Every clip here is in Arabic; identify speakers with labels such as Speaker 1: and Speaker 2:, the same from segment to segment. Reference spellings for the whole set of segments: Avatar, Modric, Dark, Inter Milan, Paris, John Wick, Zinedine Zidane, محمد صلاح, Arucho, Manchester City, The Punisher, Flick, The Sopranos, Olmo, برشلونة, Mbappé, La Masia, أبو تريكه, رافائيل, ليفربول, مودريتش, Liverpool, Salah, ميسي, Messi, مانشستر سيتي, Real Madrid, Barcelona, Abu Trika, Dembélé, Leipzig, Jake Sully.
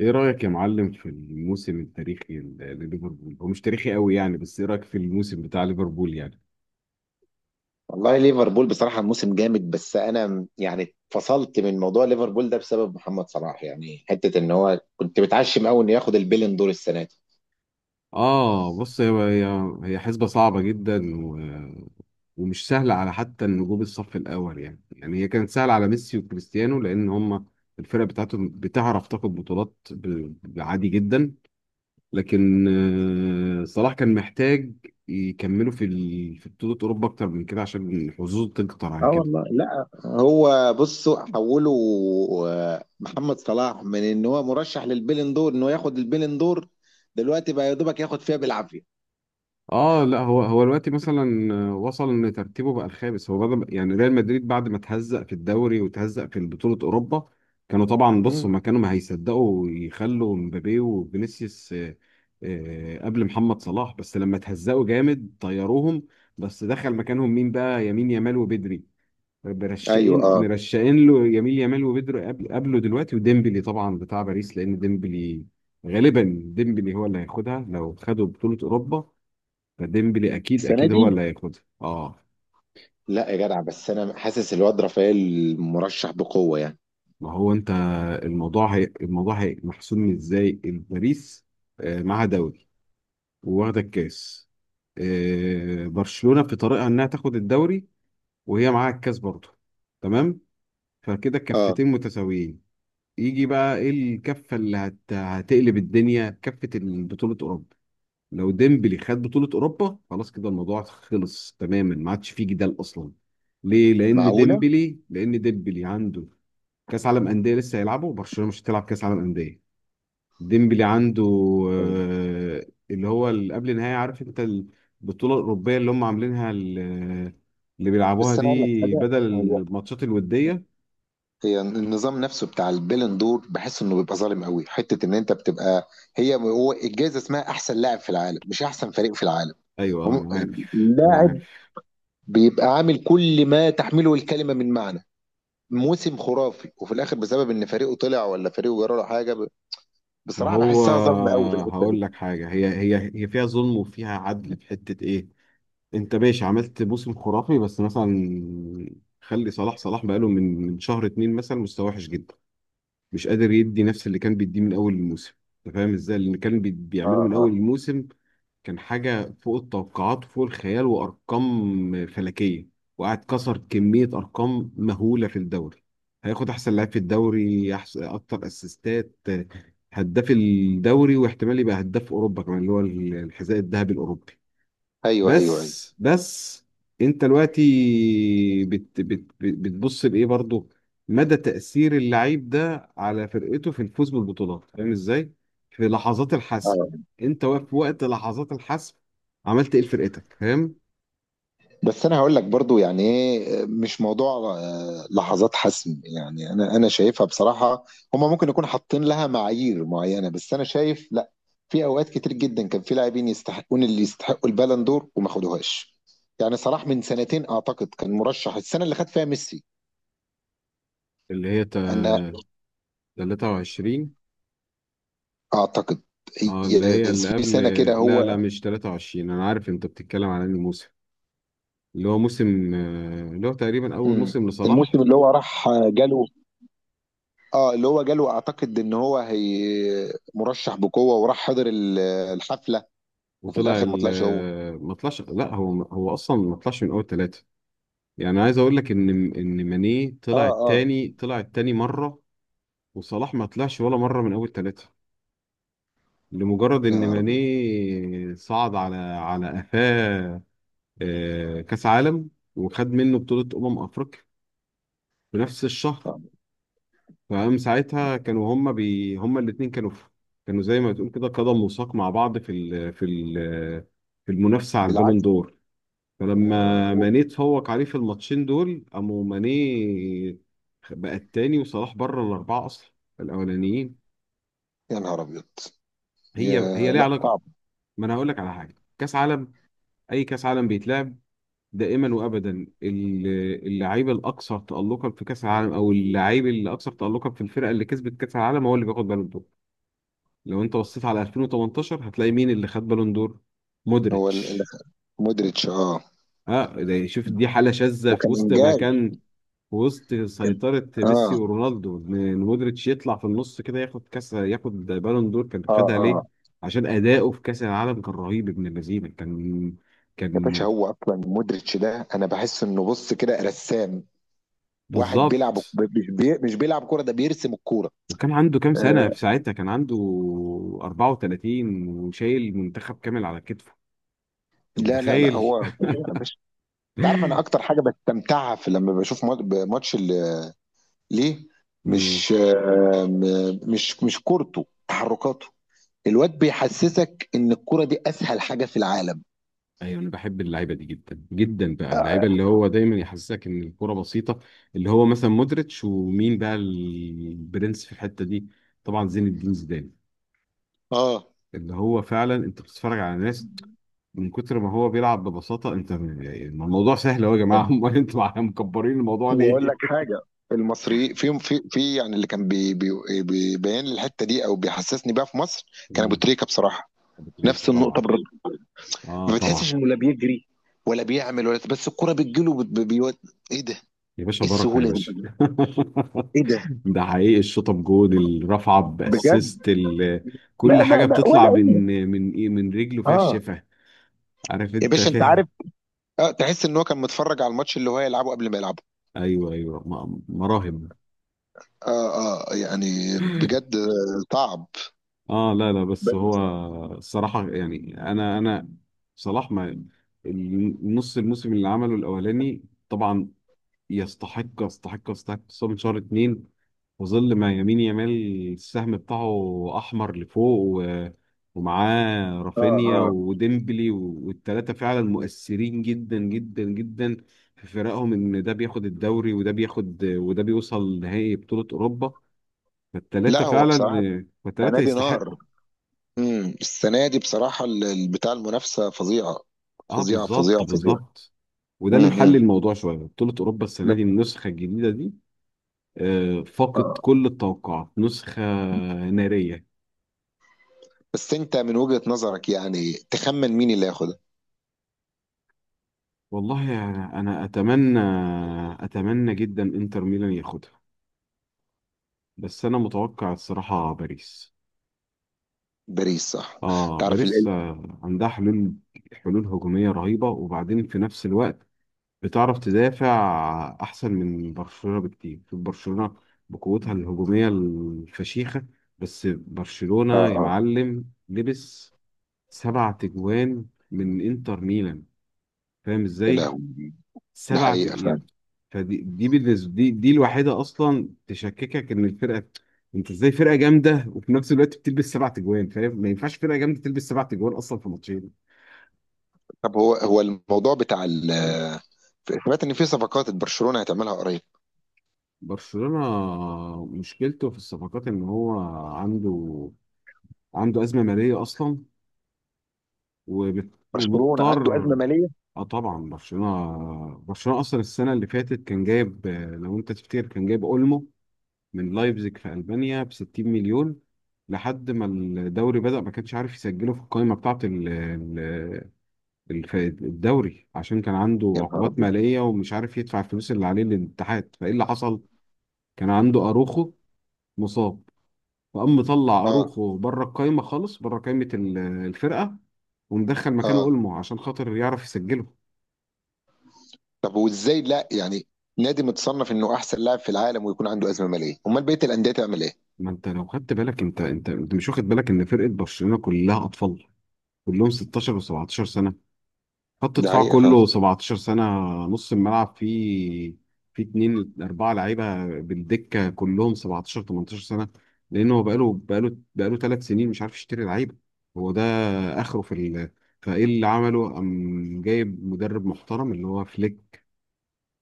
Speaker 1: ايه رأيك يا معلم في الموسم التاريخي لليفربول؟ هو مش تاريخي قوي يعني، بس ايه رأيك في الموسم بتاع ليفربول يعني؟
Speaker 2: والله، ليفربول بصراحة موسم جامد، بس أنا يعني فصلت من موضوع ليفربول ده بسبب محمد صلاح. يعني حتة إن هو، كنت متعشم أوي إنه ياخد البيلين دور السنة دي.
Speaker 1: اه بص، هي حسبة صعبة جدا ومش سهلة على حتى النجوم الصف الأول يعني، هي كانت سهلة على ميسي وكريستيانو لأن هما الفرق بتاعتهم بتعرف تاخد بطولات عادي جدا. لكن صلاح كان محتاج يكملوا في بطولة أوروبا أكتر من كده عشان حظوظه تكتر
Speaker 2: اه
Speaker 1: عن كده.
Speaker 2: والله لا، هو بصوا حولوا. محمد صلاح من إن هو مرشح للبيلين دور، إنه ياخد البيلين دور دلوقتي، بقى يا دوبك ياخد فيها بالعافية.
Speaker 1: اه لا، هو دلوقتي مثلا وصل ان ترتيبه بقى الخامس. هو بدأ يعني ريال مدريد بعد ما تهزق في الدوري وتهزق في بطولة اوروبا كانوا طبعا، بص
Speaker 2: مم.
Speaker 1: هما كانوا ما هيصدقوا يخلوا مبابي وفينيسيوس قبل محمد صلاح، بس لما تهزقوا جامد طيروهم. بس دخل مكانهم مين بقى؟ يمين يامال وبدري.
Speaker 2: أيوه،
Speaker 1: مرشقين،
Speaker 2: أه.
Speaker 1: مرشقين له يمين يامال وبدري قبله دلوقتي، وديمبلي طبعا بتاع باريس. لان ديمبلي غالبا ديمبلي هو اللي هياخدها لو خدوا بطولة اوروبا، فديمبلي اكيد
Speaker 2: السنه
Speaker 1: اكيد هو
Speaker 2: دي.
Speaker 1: اللي هياخدها، اه.
Speaker 2: لا يا جدع، بس أنا حاسس الواد رافائيل مرشح بقوة يعني.
Speaker 1: ما هو انت، الموضوع هي محسوم ازاي؟ إن باريس معاها دوري وواخده الكاس، برشلونة في طريقها انها تاخد الدوري وهي معاها الكاس برضه. تمام، فكده
Speaker 2: أه،
Speaker 1: الكفتين متساويين. يجي بقى ايه الكفة هتقلب الدنيا كفة؟ بطولة اوروبا. لو ديمبلي خد بطولة اوروبا خلاص، كده الموضوع خلص تماما، ما عادش فيه جدال اصلا. ليه؟ لأن
Speaker 2: معقولة؟
Speaker 1: ديمبلي لأن ديمبلي عنده كاس عالم انديه لسه هيلعبه، برشلونه مش هتلعب كاس عالم انديه. ديمبلي عنده اللي هو اللي قبل النهائي، عارف انت، البطوله الاوروبيه اللي هم عاملينها اللي بيلعبوها
Speaker 2: بس أنا أقول لك
Speaker 1: دي
Speaker 2: حاجة.
Speaker 1: بدل الماتشات الوديه.
Speaker 2: هي النظام نفسه بتاع البالون دور، بحس انه بيبقى ظالم قوي، حته ان انت بتبقى. هي هو الجائزه اسمها احسن لاعب في العالم، مش احسن فريق في العالم.
Speaker 1: ايوه
Speaker 2: هم-
Speaker 1: انا عارف، انا
Speaker 2: اللاعب
Speaker 1: عارف.
Speaker 2: بيبقى عامل كل ما تحمله الكلمه من معنى. موسم خرافي، وفي الاخر بسبب ان فريقه طلع، ولا فريقه جرى له حاجه
Speaker 1: ما
Speaker 2: بصراحه
Speaker 1: هو
Speaker 2: بحسها ظلم قوي في الحته
Speaker 1: هقول
Speaker 2: دي.
Speaker 1: لك حاجه، هي فيها ظلم وفيها عدل في حته ايه؟ انت ماشي عملت موسم خرافي، بس مثلا خلي صلاح بقاله من شهر اتنين مثلا مستواه وحش جدا، مش قادر يدي نفس اللي كان بيديه من اول الموسم. انت فاهم ازاي؟ اللي كان
Speaker 2: اه
Speaker 1: بيعمله من اول
Speaker 2: اه.
Speaker 1: الموسم كان حاجه فوق التوقعات وفوق الخيال وارقام فلكيه، وقعد كسر كميه ارقام مهوله في الدوري. هياخد احسن لاعب في الدوري، احسن اكتر اسيستات، هداف الدوري، واحتمال يبقى هداف اوروبا كمان اللي هو الحذاء الذهبي الاوروبي.
Speaker 2: ايوه ايوه ايوه.
Speaker 1: بس انت دلوقتي بت بت بتبص لايه برضه؟ مدى تأثير اللعيب ده على فرقته في الفوز بالبطولات، فاهم ازاي؟ في لحظات الحسم،
Speaker 2: اه.
Speaker 1: انت واقف في وقت لحظات الحسم، عملت ايه لفرقتك؟ فاهم.
Speaker 2: بس انا هقول لك برضو، يعني ايه مش موضوع لحظات حسم؟ يعني انا شايفها بصراحه، هما ممكن يكون حاطين لها معايير معينه، بس انا شايف لا. في اوقات كتير جدا كان في لاعبين يستحقون، اللي يستحقوا البالون دور وما خدوهاش. يعني صلاح من سنتين اعتقد كان مرشح السنه اللي خد فيها ميسي.
Speaker 1: اللي هي
Speaker 2: انا
Speaker 1: تا- 23.
Speaker 2: اعتقد.
Speaker 1: اه
Speaker 2: هي
Speaker 1: اللي هي اللي
Speaker 2: في
Speaker 1: قبل.
Speaker 2: سنه كده
Speaker 1: لا لا
Speaker 2: هو.
Speaker 1: مش 23، انا عارف انت بتتكلم على انهي موسم، اللي هو موسم اللي هو تقريبا اول
Speaker 2: مم.
Speaker 1: موسم
Speaker 2: الموسم
Speaker 1: لصلاح.
Speaker 2: اللي هو راح جاله. اه، اللي هو جاله، اعتقد ان هو هي مرشح بقوه، وراح حضر الحفله. وفي
Speaker 1: وطلع
Speaker 2: الاخر ما
Speaker 1: ال
Speaker 2: طلعش هو.
Speaker 1: ما طلعش. لا هو هو اصلا ما طلعش من اول ثلاثه. يعني عايز اقول لك ان ان ماني
Speaker 2: اه
Speaker 1: طلع
Speaker 2: اه.
Speaker 1: التاني، طلع التاني مره، وصلاح ما طلعش ولا مره من اول ثلاثه، لمجرد
Speaker 2: يا
Speaker 1: ان
Speaker 2: نهار ابيض.
Speaker 1: ماني صعد على قفاه كاس عالم، وخد منه بطوله افريقيا في نفس الشهر.
Speaker 2: صعب.
Speaker 1: فقام ساعتها كانوا هما هما الاثنين كانوا في، كانوا زي ما تقول كده قدم وساق مع بعض في المنافسه على البالون
Speaker 2: بالعكس.
Speaker 1: دور.
Speaker 2: و...
Speaker 1: فلما
Speaker 2: و...
Speaker 1: ماني اتفوق عليه في الماتشين دول، قاموا ماني بقى التاني وصلاح بره الاربعه اصلا الاولانيين.
Speaker 2: يا نهار ابيض. يا
Speaker 1: هي ليها
Speaker 2: لا
Speaker 1: علاقه.
Speaker 2: صعب.
Speaker 1: ما انا هقول لك على حاجه، كاس عالم، اي كاس عالم بيتلعب دائما وابدا اللعيب الاكثر تالقا في كاس العالم او اللعيب الاكثر تالقا في الفرقه اللي كسبت كاس العالم هو اللي بياخد بالون دور. لو انت بصيت على 2018 هتلاقي مين اللي خد بالون دور؟
Speaker 2: هو
Speaker 1: مودريتش.
Speaker 2: مودريتش. اه،
Speaker 1: اه ده، شوف دي حاله شاذه في
Speaker 2: وكان
Speaker 1: وسط ما
Speaker 2: انجاز.
Speaker 1: كان، وسط
Speaker 2: كان.
Speaker 1: سيطرة ميسي
Speaker 2: اه
Speaker 1: ورونالدو، إن مودريتش يطلع في النص كده ياخد كاس، ياخد بالون دور. كان
Speaker 2: اه
Speaker 1: خدها ليه؟
Speaker 2: اه.
Speaker 1: عشان أداؤه في كأس العالم كان رهيب ابن اللذينة، كان
Speaker 2: يا باشا،
Speaker 1: كان
Speaker 2: هو اصلا مودريتش ده انا بحس انه بص كده رسام. واحد بيلعب
Speaker 1: بالظبط.
Speaker 2: مش بيلعب كوره، ده بيرسم الكوره.
Speaker 1: وكان عنده كام سنة
Speaker 2: آه.
Speaker 1: في ساعتها؟ كان عنده 34 وشايل منتخب كامل على كتفه. أنت
Speaker 2: لا لا لا،
Speaker 1: متخيل؟
Speaker 2: هو فظيع يا باشا. انت عارف انا اكتر حاجه بستمتعها في لما بشوف ماتش ليه؟ مش آه م- مش مش كورته، تحركاته. الواد بيحسسك ان الكرة دي اسهل حاجة في العالم.
Speaker 1: ايوه، انا بحب اللعيبه دي جدا جدا بقى، اللعيبه اللي هو دايما يحسسك ان الكوره بسيطه، اللي هو مثلا مودريتش، ومين بقى البرنس في الحته دي؟ طبعا زين الدين زيدان.
Speaker 2: اه،
Speaker 1: اللي هو فعلا انت بتتفرج على ناس من كتر ما هو بيلعب ببساطه، انت يعني الموضوع سهل اهو يا جماعه. امال انتوا مكبرين الموضوع
Speaker 2: واقول
Speaker 1: ليه؟
Speaker 2: لك حاجه. المصريين في، يعني اللي كان بي بي بيبين لي الحته دي، او بيحسسني بيها في مصر. كان ابو
Speaker 1: امم،
Speaker 2: تريكه بصراحه.
Speaker 1: ابو
Speaker 2: نفس
Speaker 1: تريكه
Speaker 2: النقطه
Speaker 1: طبعا.
Speaker 2: برضه.
Speaker 1: اه
Speaker 2: ما
Speaker 1: طبعا.
Speaker 2: بتحسش انه لا بيجري ولا بيعمل ولا، بس الكرة بتجيله، بيود. ايه ده؟ ايه
Speaker 1: يا باشا بركه يا
Speaker 2: السهوله
Speaker 1: باشا.
Speaker 2: دي؟ ايه ده؟
Speaker 1: ده حقيقي، الشطب، جون، الرفعه،
Speaker 2: بجد.
Speaker 1: باسيست
Speaker 2: لا
Speaker 1: كل
Speaker 2: لا
Speaker 1: حاجه
Speaker 2: لا
Speaker 1: بتطلع
Speaker 2: ولا.
Speaker 1: من
Speaker 2: ايه.
Speaker 1: من ايه من رجله فيها
Speaker 2: اه
Speaker 1: الشفا، عارف
Speaker 2: يا
Speaker 1: انت
Speaker 2: باشا، انت
Speaker 1: فيها.
Speaker 2: عارف. اه، تحس ان هو كان متفرج على الماتش اللي هو هيلعبه قبل ما يلعبه.
Speaker 1: ايوه ايوه، مراهم.
Speaker 2: اه اه يعني. بجد صعب.
Speaker 1: اه لا لا، بس هو الصراحه يعني، انا انا صلاح، ما النص الموسم اللي عمله الاولاني طبعا يستحق، يستحق، خصوصا من شهر اتنين. وظل ما يمين يامال السهم بتاعه احمر لفوق ومعاه
Speaker 2: اه
Speaker 1: رافينيا
Speaker 2: اه،
Speaker 1: وديمبلي والتلاتة فعلا مؤثرين جدا في فرقهم، ان ده بياخد الدوري وده بياخد وده بيوصل نهائي بطولة اوروبا. فالتلاتة
Speaker 2: لا هو
Speaker 1: فعلا،
Speaker 2: بصراحة السنة
Speaker 1: فالتلاتة
Speaker 2: دي نار.
Speaker 1: يستحقوا.
Speaker 2: السنة دي بصراحة بتاع المنافسة فظيعة.
Speaker 1: اه
Speaker 2: فظيعة
Speaker 1: بالظبط،
Speaker 2: فظيعة فظيعة.
Speaker 1: بالظبط. وده اللي
Speaker 2: امم.
Speaker 1: محلل الموضوع شويه، بطولة اوروبا السنة
Speaker 2: بس.
Speaker 1: دي النسخة الجديدة دي فاقت
Speaker 2: آه.
Speaker 1: كل التوقعات، نسخة نارية.
Speaker 2: بس انت من وجهة نظرك يعني تخمن مين اللي هياخدها؟
Speaker 1: والله يعني انا اتمنى، اتمنى جدا انتر ميلان ياخدها، بس انا متوقع الصراحه باريس.
Speaker 2: باريس، صح؟
Speaker 1: اه
Speaker 2: تعرف
Speaker 1: باريس
Speaker 2: ال.
Speaker 1: عندها حلول، حلول هجوميه رهيبه، وبعدين في نفس الوقت بتعرف تدافع احسن من برشلونه بكتير. شوف برشلونه بقوتها الهجوميه الفشيخه، بس
Speaker 2: اه
Speaker 1: برشلونه يا
Speaker 2: اه.
Speaker 1: معلم لبس سبع تجوان من انتر ميلان، فاهم
Speaker 2: يا
Speaker 1: ازاي؟
Speaker 2: لهوي. ده
Speaker 1: سبعة
Speaker 2: حقيقة فعلا.
Speaker 1: يعني. فدي بالنسبة، دي الوحيدة أصلا تشككك إن الفرقة، أنت إزاي فرقة جامدة وفي نفس الوقت بتلبس سبع تجوان؟ فاهم؟ ما ينفعش فرقة جامدة تلبس سبع تجوان أصلا في ماتشين.
Speaker 2: طب هو الموضوع بتاع ال. سمعت ان في صفقات برشلونة هتعملها قريب.
Speaker 1: برشلونة مشكلته في الصفقات إن هو عنده عنده أزمة مالية أصلا،
Speaker 2: برشلونة عنده
Speaker 1: ومضطر.
Speaker 2: أزمة مالية؟
Speaker 1: اه طبعا، برشلونة اصلا السنة اللي فاتت كان جايب لو انت تفتكر، كان جايب اولمو من لايبزيج في ألبانيا ب 60 مليون، لحد ما الدوري بدأ ما كانش عارف يسجله في القائمة بتاعة الدوري، عشان كان عنده
Speaker 2: يا نهار
Speaker 1: عقوبات
Speaker 2: أبيض.
Speaker 1: مالية ومش عارف يدفع الفلوس اللي عليه للاتحاد، فإيه اللي حصل؟ كان عنده أروخو مصاب، فقام مطلع
Speaker 2: اه.
Speaker 1: أروخو بره القائمة خالص، بره قائمة الفرقة، ومدخل مكانه
Speaker 2: اه.
Speaker 1: أولمو عشان خاطر يعرف يسجله.
Speaker 2: طب وازاي؟ لا يعني، نادي متصنف انه احسن لاعب في العالم ويكون عنده ازمه ماليه؟ امال بقيه الانديه تعمل ايه؟
Speaker 1: ما انت لو خدت بالك، انت مش واخد بالك ان فرقة برشلونة كلها أطفال، كلهم 16 و17 سنة، خط
Speaker 2: ده
Speaker 1: دفاع
Speaker 2: حقيقه، فاهم.
Speaker 1: كله 17 سنة، نص الملعب فيه، في اتنين أربعة لعيبة بالدكة كلهم 17 18 سنة. لأن هو بقاله ثلاث سنين مش عارف يشتري لعيبة. هو ده آخره فإيه اللي عمله؟ قام جايب مدرب محترم اللي هو فليك،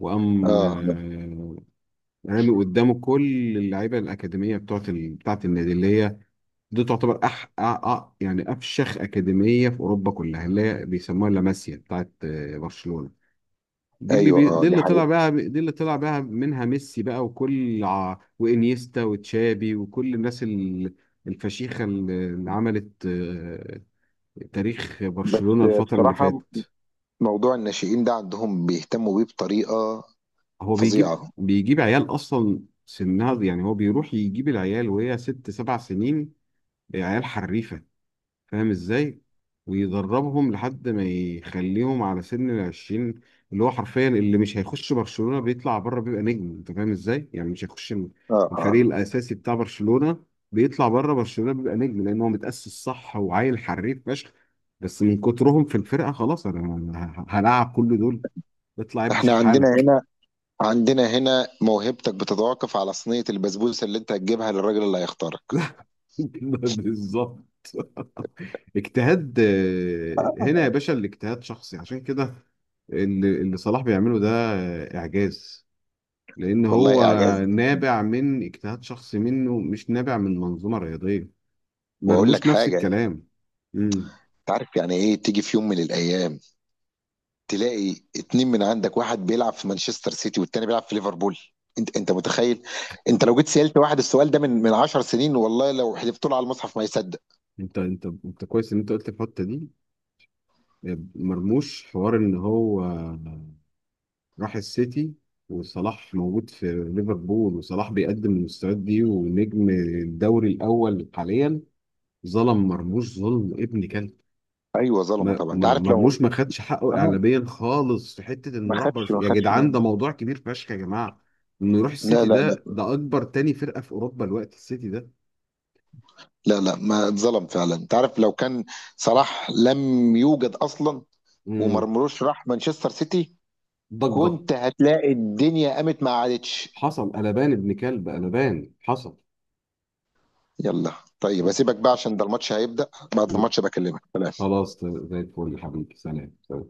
Speaker 1: وقام
Speaker 2: اه.
Speaker 1: رامي قدامه كل اللعيبة الأكاديمية بتاعت النادي، اللي هي دي تعتبر يعني أفشخ أكاديمية في أوروبا كلها، اللي هي بيسموها لاماسيا بتاعت برشلونة. دي
Speaker 2: ايوه اه، دي حقيقه.
Speaker 1: دي اللي طلع بقى منها ميسي بقى، وانيستا وتشابي وكل الناس الفشيخة اللي عملت تاريخ
Speaker 2: بس
Speaker 1: برشلونة الفترة اللي
Speaker 2: بصراحه،
Speaker 1: فاتت.
Speaker 2: موضوع الناشئين ده عندهم بيهتموا بيه بطريقه
Speaker 1: هو بيجيب
Speaker 2: فظيعه.
Speaker 1: بيجيب عيال أصلا سنها يعني، هو بيروح يجيب العيال وهي ست سبع سنين، عيال حريفة، فاهم ازاي، ويدربهم لحد ما يخليهم على سن العشرين، اللي هو حرفيا اللي مش هيخش برشلونة بيطلع بره بيبقى نجم. انت فاهم ازاي يعني؟ مش هيخش
Speaker 2: اه
Speaker 1: الفريق
Speaker 2: اه.
Speaker 1: الاساسي بتاع برشلونة، بيطلع بره برشلونة بيبقى نجم، لان هو متأسس صح وعيل حريف فشخ، بس من كترهم في الفرقة خلاص انا هلاعب كل دول، اطلع يا ابني
Speaker 2: احنا
Speaker 1: شوف
Speaker 2: عندنا
Speaker 1: حالك.
Speaker 2: هنا، عندنا هنا موهبتك بتتوقف على صينيه البسبوسه اللي انت هتجيبها للراجل اللي هيختارك.
Speaker 1: بالظبط. اجتهاد هنا يا
Speaker 2: آه.
Speaker 1: باشا، الاجتهاد شخصي عشان كده، اللي صلاح بيعمله ده اعجاز، لأن هو
Speaker 2: والله اعجاز.
Speaker 1: نابع من اجتهاد شخصي منه، مش نابع من منظومة رياضية.
Speaker 2: واقول لك
Speaker 1: مرموش نفس
Speaker 2: حاجه،
Speaker 1: الكلام. امم.
Speaker 2: انت عارف يعني ايه تيجي في يوم من الايام تلاقي اتنين من عندك، واحد بيلعب في مانشستر سيتي والتاني بيلعب في ليفربول؟ انت متخيل؟ انت لو جيت سألت واحد السؤال ده من 10 سنين، والله لو حذفت له على المصحف ما يصدق.
Speaker 1: انت كويس ان انت قلت الحتة دي، مرموش حوار ان هو راح السيتي وصلاح موجود في ليفربول، وصلاح بيقدم المستويات دي ونجم الدوري الأول حاليا. ظلم مرموش، ظلم ابن كلب.
Speaker 2: ايوه ظلمه طبعا، انت عارف لو.
Speaker 1: مرموش ما خدش حقه
Speaker 2: اه،
Speaker 1: اعلاميا خالص في حته
Speaker 2: ما
Speaker 1: انه راح
Speaker 2: خدش ما
Speaker 1: برشلونه، يا
Speaker 2: خدش،
Speaker 1: جدعان ده
Speaker 2: لا.
Speaker 1: موضوع كبير فشخ يا جماعه. انه يروح
Speaker 2: لا
Speaker 1: السيتي
Speaker 2: لا
Speaker 1: ده،
Speaker 2: لا.
Speaker 1: ده اكبر تاني فرقه في اوروبا الوقت، السيتي ده.
Speaker 2: لا، لا، ما اتظلم فعلا، انت عارف لو كان صلاح لم يوجد اصلا
Speaker 1: امم،
Speaker 2: ومرمروش راح مانشستر سيتي،
Speaker 1: ضجه.
Speaker 2: كنت هتلاقي الدنيا قامت ما عادتش.
Speaker 1: حصل قلبان ابن كلب، قلبان حصل.
Speaker 2: يلا، طيب اسيبك بقى عشان ده الماتش هيبدأ. بعد
Speaker 1: م-
Speaker 2: الماتش بكلمك. سلام.
Speaker 1: خلاص زي الفل يا حبيبي، سلام سلام.